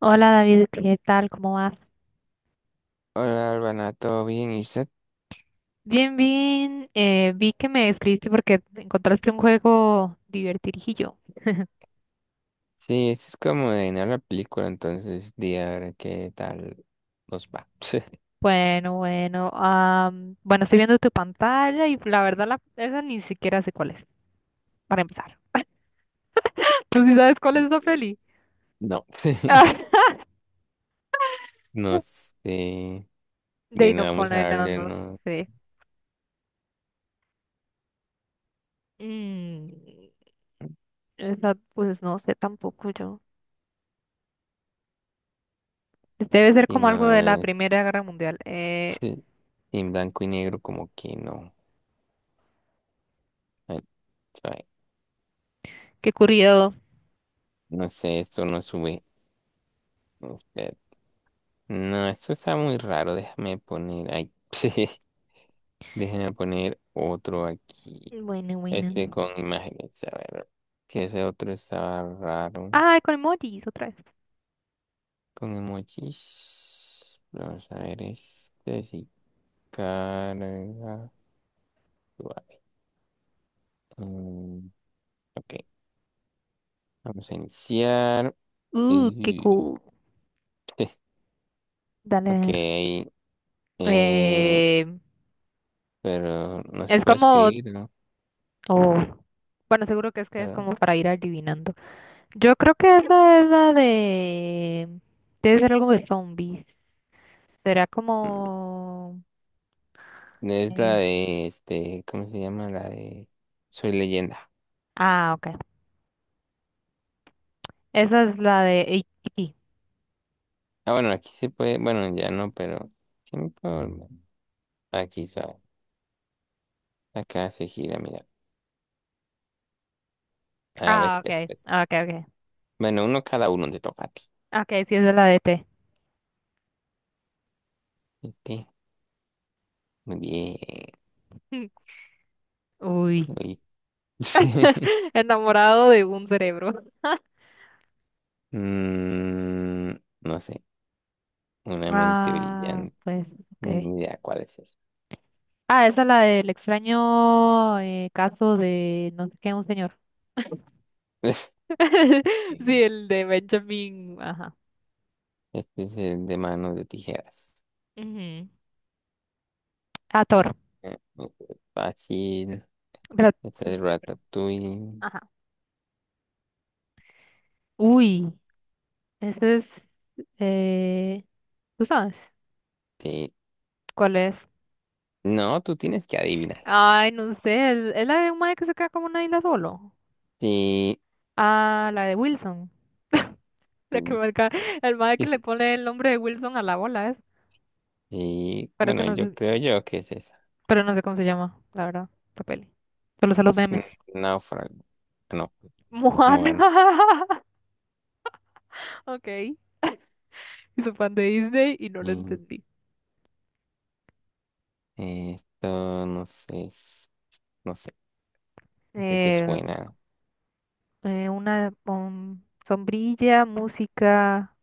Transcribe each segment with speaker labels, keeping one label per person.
Speaker 1: Hola David, ¿qué tal? ¿Cómo vas?
Speaker 2: Hola, Urbana, ¿todo bien? ¿Y usted?
Speaker 1: Bien, bien. Vi que me escribiste porque encontraste un juego divertidillo.
Speaker 2: Sí, esto es como de no la película, entonces, di a ver qué tal nos va.
Speaker 1: Bueno, bueno. Bueno, estoy viendo tu pantalla y la verdad esa ni siquiera sé cuál es, para empezar. ¿Tú sí sabes cuál es
Speaker 2: Sí.
Speaker 1: esa peli?
Speaker 2: No, no sé,
Speaker 1: De
Speaker 2: de
Speaker 1: ahí no
Speaker 2: nada vamos a
Speaker 1: pone, no,
Speaker 2: darle,
Speaker 1: no
Speaker 2: no,
Speaker 1: sé. Mm, esa, pues no sé tampoco yo. Este debe ser
Speaker 2: y
Speaker 1: como algo
Speaker 2: no
Speaker 1: de la
Speaker 2: es,
Speaker 1: Primera Guerra Mundial.
Speaker 2: sí, en blanco y negro como que no. Ay, ay,
Speaker 1: Qué curioso.
Speaker 2: no sé, esto no sube, espera. No, esto está muy raro, déjame poner, ay, déjame poner otro aquí.
Speaker 1: Bueno, bueno.
Speaker 2: Este con imágenes, a ver. Que ese otro estaba raro.
Speaker 1: Ah, con emojis otra vez.
Speaker 2: Con emojis. Vamos a ver este. Si carga. Vale. Mm, ok. Vamos a iniciar.
Speaker 1: Qué
Speaker 2: Y-
Speaker 1: cool.
Speaker 2: Ok.
Speaker 1: Dale.
Speaker 2: eh,
Speaker 1: Eh,
Speaker 2: pero no se
Speaker 1: es
Speaker 2: puede
Speaker 1: como,
Speaker 2: escribir, ¿no?
Speaker 1: oh, bueno, seguro que es
Speaker 2: Pero,
Speaker 1: como para ir adivinando. Yo creo que esa es la de, debe ser algo de zombies. Será
Speaker 2: mm,
Speaker 1: como,
Speaker 2: es
Speaker 1: eh,
Speaker 2: la de este. ¿Cómo se llama? La de Soy Leyenda.
Speaker 1: ah, ok. Esa es la de E.T..
Speaker 2: Ah, bueno, aquí se puede. Bueno, ya no, pero. ¿Quién puede? Aquí, sabe. Acá se gira, mira. Ah, ves,
Speaker 1: Ah,
Speaker 2: ves,
Speaker 1: ok,
Speaker 2: ves.
Speaker 1: ok, ok.
Speaker 2: Bueno, uno cada uno te toca a ti.
Speaker 1: Ok, sí, esa es la de E T.
Speaker 2: Vete. Muy bien.
Speaker 1: Uy,
Speaker 2: Uy.
Speaker 1: enamorado de un cerebro.
Speaker 2: Mm, no sé. Una mente
Speaker 1: Ah,
Speaker 2: brillante.
Speaker 1: pues, ok.
Speaker 2: Ni idea cuál es esa.
Speaker 1: Ah, esa es la del extraño caso de no sé qué, un señor. Sí, el de Benjamin, ajá.
Speaker 2: Este es el de manos de tijeras.
Speaker 1: Ujú. Ah, Thor.
Speaker 2: Este es fácil.
Speaker 1: Pero,
Speaker 2: Este
Speaker 1: uy,
Speaker 2: es
Speaker 1: perdón.
Speaker 2: Ratatouille.
Speaker 1: Ajá. Uy, ese es, eh, ¿tú sabes
Speaker 2: Sí.
Speaker 1: cuál es?
Speaker 2: No, tú tienes que adivinar.
Speaker 1: Ay, no sé, es la de un mae que se queda como una isla solo.
Speaker 2: Sí.
Speaker 1: Ah, la de Wilson. La que
Speaker 2: Mm,
Speaker 1: marca, el mae que le
Speaker 2: es-
Speaker 1: pone el nombre de Wilson a la bola, es.
Speaker 2: sí.
Speaker 1: Pero es que
Speaker 2: Bueno,
Speaker 1: no
Speaker 2: yo
Speaker 1: sé,
Speaker 2: creo yo que es esa.
Speaker 1: pero no sé cómo se llama, la verdad, la peli. Solo sé los
Speaker 2: Es
Speaker 1: memes.
Speaker 2: n- náufrago. Ah, no.
Speaker 1: Moana.
Speaker 2: Moana.
Speaker 1: Ok. Soy fan de Disney y no lo
Speaker 2: Mm,
Speaker 1: entendí.
Speaker 2: esto no sé, es- no sé, ¿a ¿qué te
Speaker 1: Eh,
Speaker 2: suena?
Speaker 1: una sombrilla, música.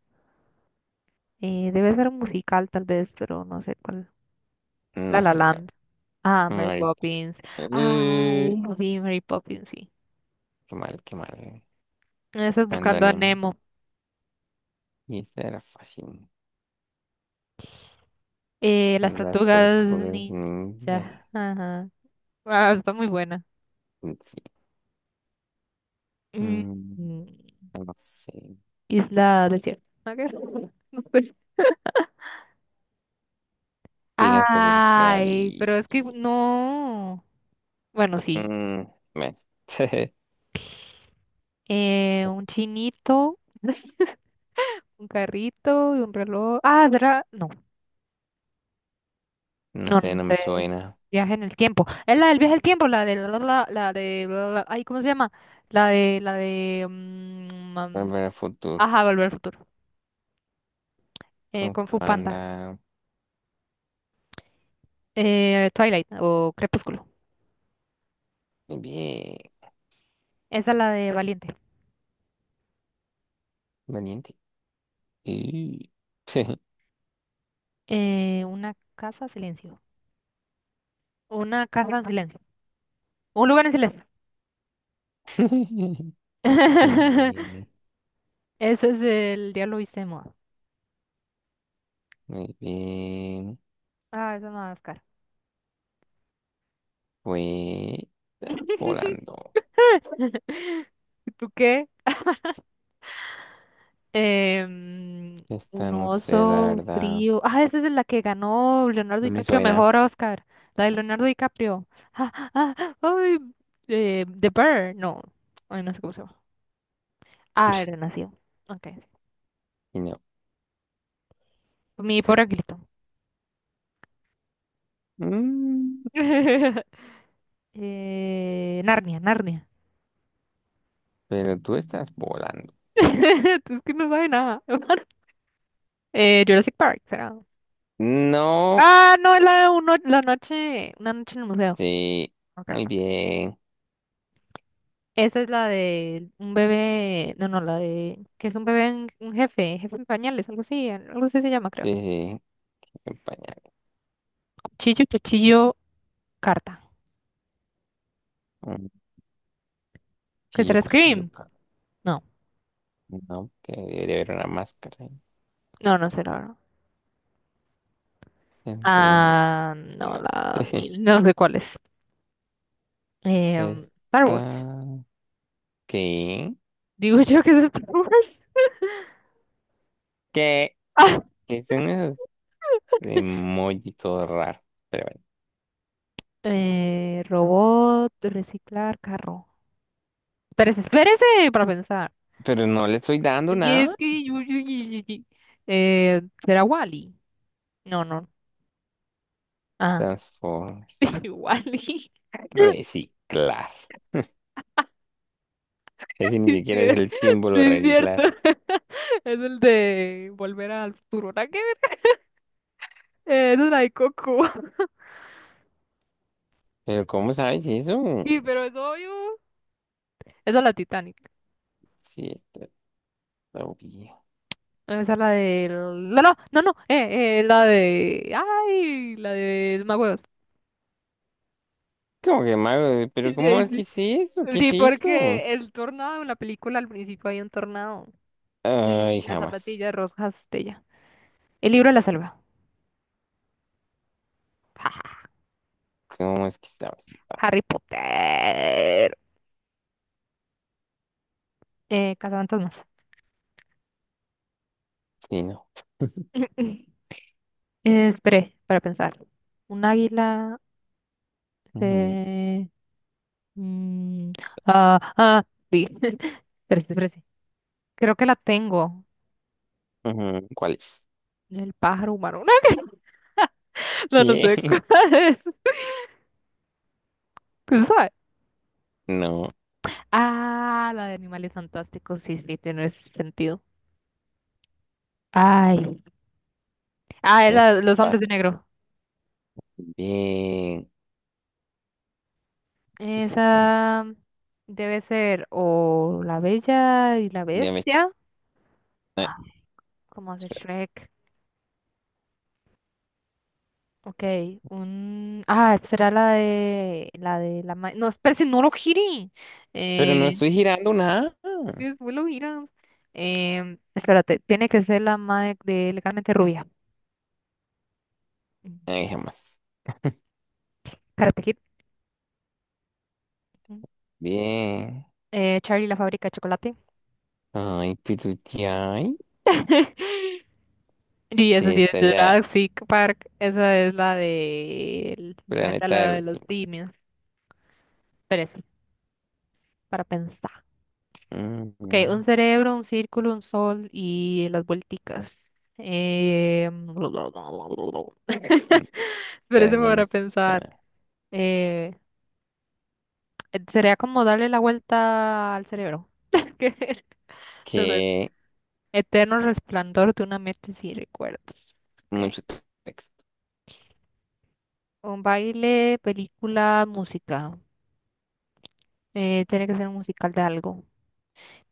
Speaker 1: Debe ser un musical tal vez, pero no sé cuál. La
Speaker 2: No
Speaker 1: La
Speaker 2: sé, la-
Speaker 1: Land. Ah, Mary
Speaker 2: Mari-
Speaker 1: Poppins. Ay,
Speaker 2: eh,
Speaker 1: no, sí, Mary Poppins, sí.
Speaker 2: qué mal, qué mal.
Speaker 1: Estás
Speaker 2: Buscando
Speaker 1: buscando a
Speaker 2: anime.
Speaker 1: Nemo.
Speaker 2: Y esta era fácil.
Speaker 1: Las
Speaker 2: Las
Speaker 1: tortugas
Speaker 2: tortugas ninja.
Speaker 1: ninja. Ajá. Ah, está muy buena.
Speaker 2: Sí.
Speaker 1: Mm,
Speaker 2: Mm,
Speaker 1: mm,
Speaker 2: no sé.
Speaker 1: Isla desierta. Ok. No sé.
Speaker 2: Piratas del
Speaker 1: Ay,
Speaker 2: Caribe.
Speaker 1: pero es que no. Bueno, sí.
Speaker 2: Mm, bueno.
Speaker 1: Un chinito, un carrito y un reloj. Ah, ¿verdad? No,
Speaker 2: No
Speaker 1: no,
Speaker 2: sé,
Speaker 1: no
Speaker 2: no me
Speaker 1: sé.
Speaker 2: suena.
Speaker 1: Viaje en el tiempo. Es la del viaje al tiempo, la de la, la, la- la de la- la- ay, ¿cómo se llama? La de mm, am,
Speaker 2: Volver al
Speaker 1: Ajá,
Speaker 2: futuro.
Speaker 1: Volver al futuro.
Speaker 2: Kung Fu
Speaker 1: Kung Fu Panda.
Speaker 2: Panda.
Speaker 1: Twilight o Crepúsculo.
Speaker 2: Bien.
Speaker 1: Esa es la de Valiente.
Speaker 2: Valiente. Y-
Speaker 1: Una casa en silencio. Una casa en silencio. Un lugar en silencio.
Speaker 2: Muy bien,
Speaker 1: Ese es el Diablo Viste de Moda.
Speaker 2: muy bien.
Speaker 1: Ah, esa es máscara.
Speaker 2: Fue ah, volando.
Speaker 1: ¿Tú qué? Em,
Speaker 2: Esta
Speaker 1: un
Speaker 2: no sé, la
Speaker 1: oso
Speaker 2: verdad.
Speaker 1: frío. Ah, esa es la que ganó Leonardo
Speaker 2: No me
Speaker 1: DiCaprio,
Speaker 2: suena.
Speaker 1: mejor Oscar. La de Leonardo DiCaprio. Ah, ah, ah, ay, The Bear. No, ay, no sé cómo se llama. Ah, era nacido. Ok.
Speaker 2: Y no.
Speaker 1: Mi pobre angelito.
Speaker 2: Mm,
Speaker 1: Narnia, Narnia.
Speaker 2: pero tú estás volando.
Speaker 1: Es que no sabe nada. Jurassic Park, será.
Speaker 2: No.
Speaker 1: Ah, no, es la, uno, la noche, una noche en el museo.
Speaker 2: Sí.
Speaker 1: Ok,
Speaker 2: Muy
Speaker 1: ok.
Speaker 2: bien.
Speaker 1: Esa es la de un bebé, no, no, la de, que es un bebé, un jefe, jefe en pañales, algo así se llama, creo.
Speaker 2: Sí, sí. El pañal.
Speaker 1: Cuchillo, cuchillo, carta.
Speaker 2: Mm,
Speaker 1: ¿Qué
Speaker 2: chillo,
Speaker 1: será Scream?
Speaker 2: cuchilluca.
Speaker 1: No,
Speaker 2: No, que debería haber una máscara ahí.
Speaker 1: no, no sé, la verdad.
Speaker 2: Entre.
Speaker 1: Ah,
Speaker 2: Y
Speaker 1: no,
Speaker 2: no.
Speaker 1: la, ni- no sé cuál es. Star Wars.
Speaker 2: Esta. ¿Qué?
Speaker 1: Digo yo que es Star Wars.
Speaker 2: ¿Qué?
Speaker 1: Ah,
Speaker 2: Que son esos emojis todo raros. Pero bueno.
Speaker 1: robot, reciclar, carro. Pero espérese para pensar.
Speaker 2: Pero no le estoy dando
Speaker 1: Y
Speaker 2: nada.
Speaker 1: es que ¿será Wally? No, no. Ah,
Speaker 2: Transform.
Speaker 1: Wally.
Speaker 2: Reciclar. Ese ni
Speaker 1: Sí,
Speaker 2: siquiera
Speaker 1: sí,
Speaker 2: es
Speaker 1: es
Speaker 2: el símbolo
Speaker 1: sí,
Speaker 2: de
Speaker 1: es cierto.
Speaker 2: reciclar.
Speaker 1: Es el de Volver al Futuro. ¿Nada que ver? Esa es la de Coco.
Speaker 2: Pero ¿cómo sabes eso?
Speaker 1: Sí, pero es obvio. Esa es la Titanic.
Speaker 2: Sí, está obvio.
Speaker 1: No, esa es la de... No, no, no, no. La de... Ay, la de Magüeos.
Speaker 2: ¿Cómo que mago? ¿Pero
Speaker 1: Sí,
Speaker 2: cómo es que
Speaker 1: sí,
Speaker 2: es eso? ¿Qué es
Speaker 1: sí,
Speaker 2: esto?
Speaker 1: porque el tornado, en la película al principio hay un tornado. Y
Speaker 2: Ay,
Speaker 1: las
Speaker 2: jamás.
Speaker 1: zapatillas rojas de ella. El libro de la selva.
Speaker 2: ¿Cómo es que sabes?
Speaker 1: Harry Potter. Cazafantasmas.
Speaker 2: Sí, no.
Speaker 1: Esperé para pensar. Un águila.
Speaker 2: Ujú,
Speaker 1: eh, mm, ah, ah, sí. Espérese, espérese. Creo que la tengo.
Speaker 2: ujú. ¿Cuál es?
Speaker 1: El pájaro humano. No, no
Speaker 2: ¿Qué?
Speaker 1: sé cuál es. ¿Quién sabe?
Speaker 2: No,
Speaker 1: Ah, la de animales fantásticos. Sí, sí, tiene sentido. Ay. Ah,
Speaker 2: es
Speaker 1: era Los hombres de
Speaker 2: fácil.
Speaker 1: negro.
Speaker 2: Bien. ¿Qué es esto?
Speaker 1: Esa debe ser o La Bella y la
Speaker 2: Ya me-
Speaker 1: Bestia.
Speaker 2: ay,
Speaker 1: Ah, como de Shrek. Ok, un... Ah, esta era la de... No, espérate, no lo gire.
Speaker 2: pero no
Speaker 1: Eh,
Speaker 2: estoy girando nada.
Speaker 1: ¿Después lo giran? Espérate, tiene que ser la madre de Legalmente Rubia. Mm,
Speaker 2: Ay, jamás.
Speaker 1: Karate Kid. Mm.
Speaker 2: Bien.
Speaker 1: Charlie la fábrica de chocolate.
Speaker 2: Ay, pero ya, ay,
Speaker 1: Y esa
Speaker 2: sí,
Speaker 1: sí es
Speaker 2: está ya,
Speaker 1: Jurassic Park. Esa es la de... el planeta
Speaker 2: planeta de
Speaker 1: la de
Speaker 2: los
Speaker 1: los
Speaker 2: simios.
Speaker 1: simios. Pero eso, para pensar. Ok,
Speaker 2: Ujú.
Speaker 1: un cerebro, un círculo, un sol y las vuelticas. Eh,
Speaker 2: No
Speaker 1: pero eso
Speaker 2: sé,
Speaker 1: me
Speaker 2: no me
Speaker 1: para pensar.
Speaker 2: suena.
Speaker 1: Eh, Sería como darle la vuelta al cerebro. ¿Qué era? Entonces,
Speaker 2: Que
Speaker 1: eterno resplandor de una mente sin recuerdos. Okay.
Speaker 2: mucho texto.
Speaker 1: Un baile, película, música. Tiene que ser un musical de algo.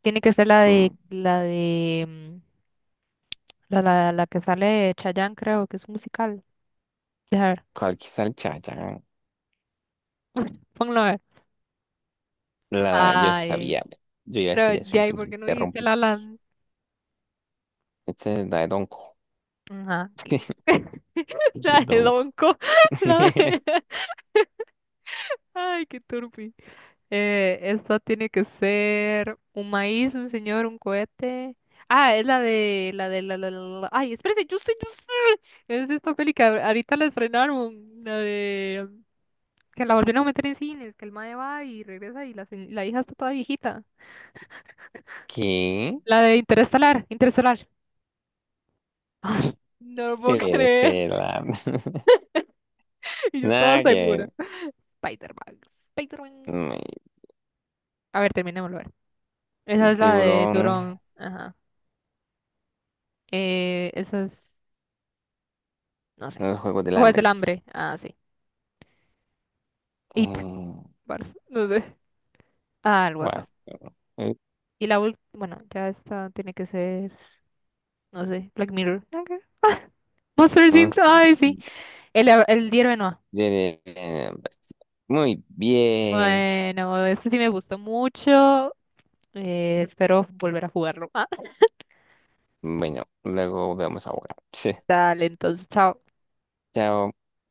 Speaker 1: Tiene que ser
Speaker 2: Mm,
Speaker 1: la, la, la que sale de Chayanne, creo que es un musical. Dejar,
Speaker 2: ¿cuál quizá el Chayán?
Speaker 1: ponlo a ver.
Speaker 2: La, yo
Speaker 1: Ay,
Speaker 2: sabía, ve. Yo iba a
Speaker 1: pero
Speaker 2: decir eso y
Speaker 1: ya, ¿y
Speaker 2: tú me
Speaker 1: por qué no dijiste la
Speaker 2: interrumpiste.
Speaker 1: lan?
Speaker 2: Este es la de Donko.
Speaker 1: Ajá. ¿Qué?
Speaker 2: De
Speaker 1: La de
Speaker 2: Donko.
Speaker 1: Donko. La de- Ay, qué turpi. Esta tiene que ser un maíz, un señor, un cohete. Ah, es la de, la de, la, la, la, la- ay, espérese, yo sé, yo sé. Es esta peli que ahorita la estrenaron, la de... Que la volvieron a meter en cines, que el mae va y regresa la hija está toda viejita.
Speaker 2: ¿Qué?
Speaker 1: La de Interestelar, Interestelar. Ay, no lo puedo
Speaker 2: Te
Speaker 1: creer.
Speaker 2: este la...
Speaker 1: Y yo toda
Speaker 2: Nada que
Speaker 1: segura.
Speaker 2: ver.
Speaker 1: Spider-Man. Spider-Man.
Speaker 2: Mm,
Speaker 1: A ver, terminémoslo. A ver. Esa es la de
Speaker 2: tiburón,
Speaker 1: Turón. Ajá. Esa es. No sé.
Speaker 2: el juego del
Speaker 1: Juegos del
Speaker 2: hambre.
Speaker 1: hambre. Ah, sí. It.
Speaker 2: Mm,
Speaker 1: Bars. No sé. Ah, el
Speaker 2: guau,
Speaker 1: Guasón.
Speaker 2: mm,
Speaker 1: Y la última. Bueno, ya esta tiene que ser. No sé. Black Mirror. Nada Ah, Monster
Speaker 2: no
Speaker 1: Things.
Speaker 2: sé.
Speaker 1: Ay, sí. El Diario de Noah.
Speaker 2: De- de- muy bien.
Speaker 1: Bueno, este sí me gustó mucho. Espero volver a jugarlo. Ah,
Speaker 2: Bueno, luego vemos ahora. Sí.
Speaker 1: dale, entonces, chao.
Speaker 2: Chao.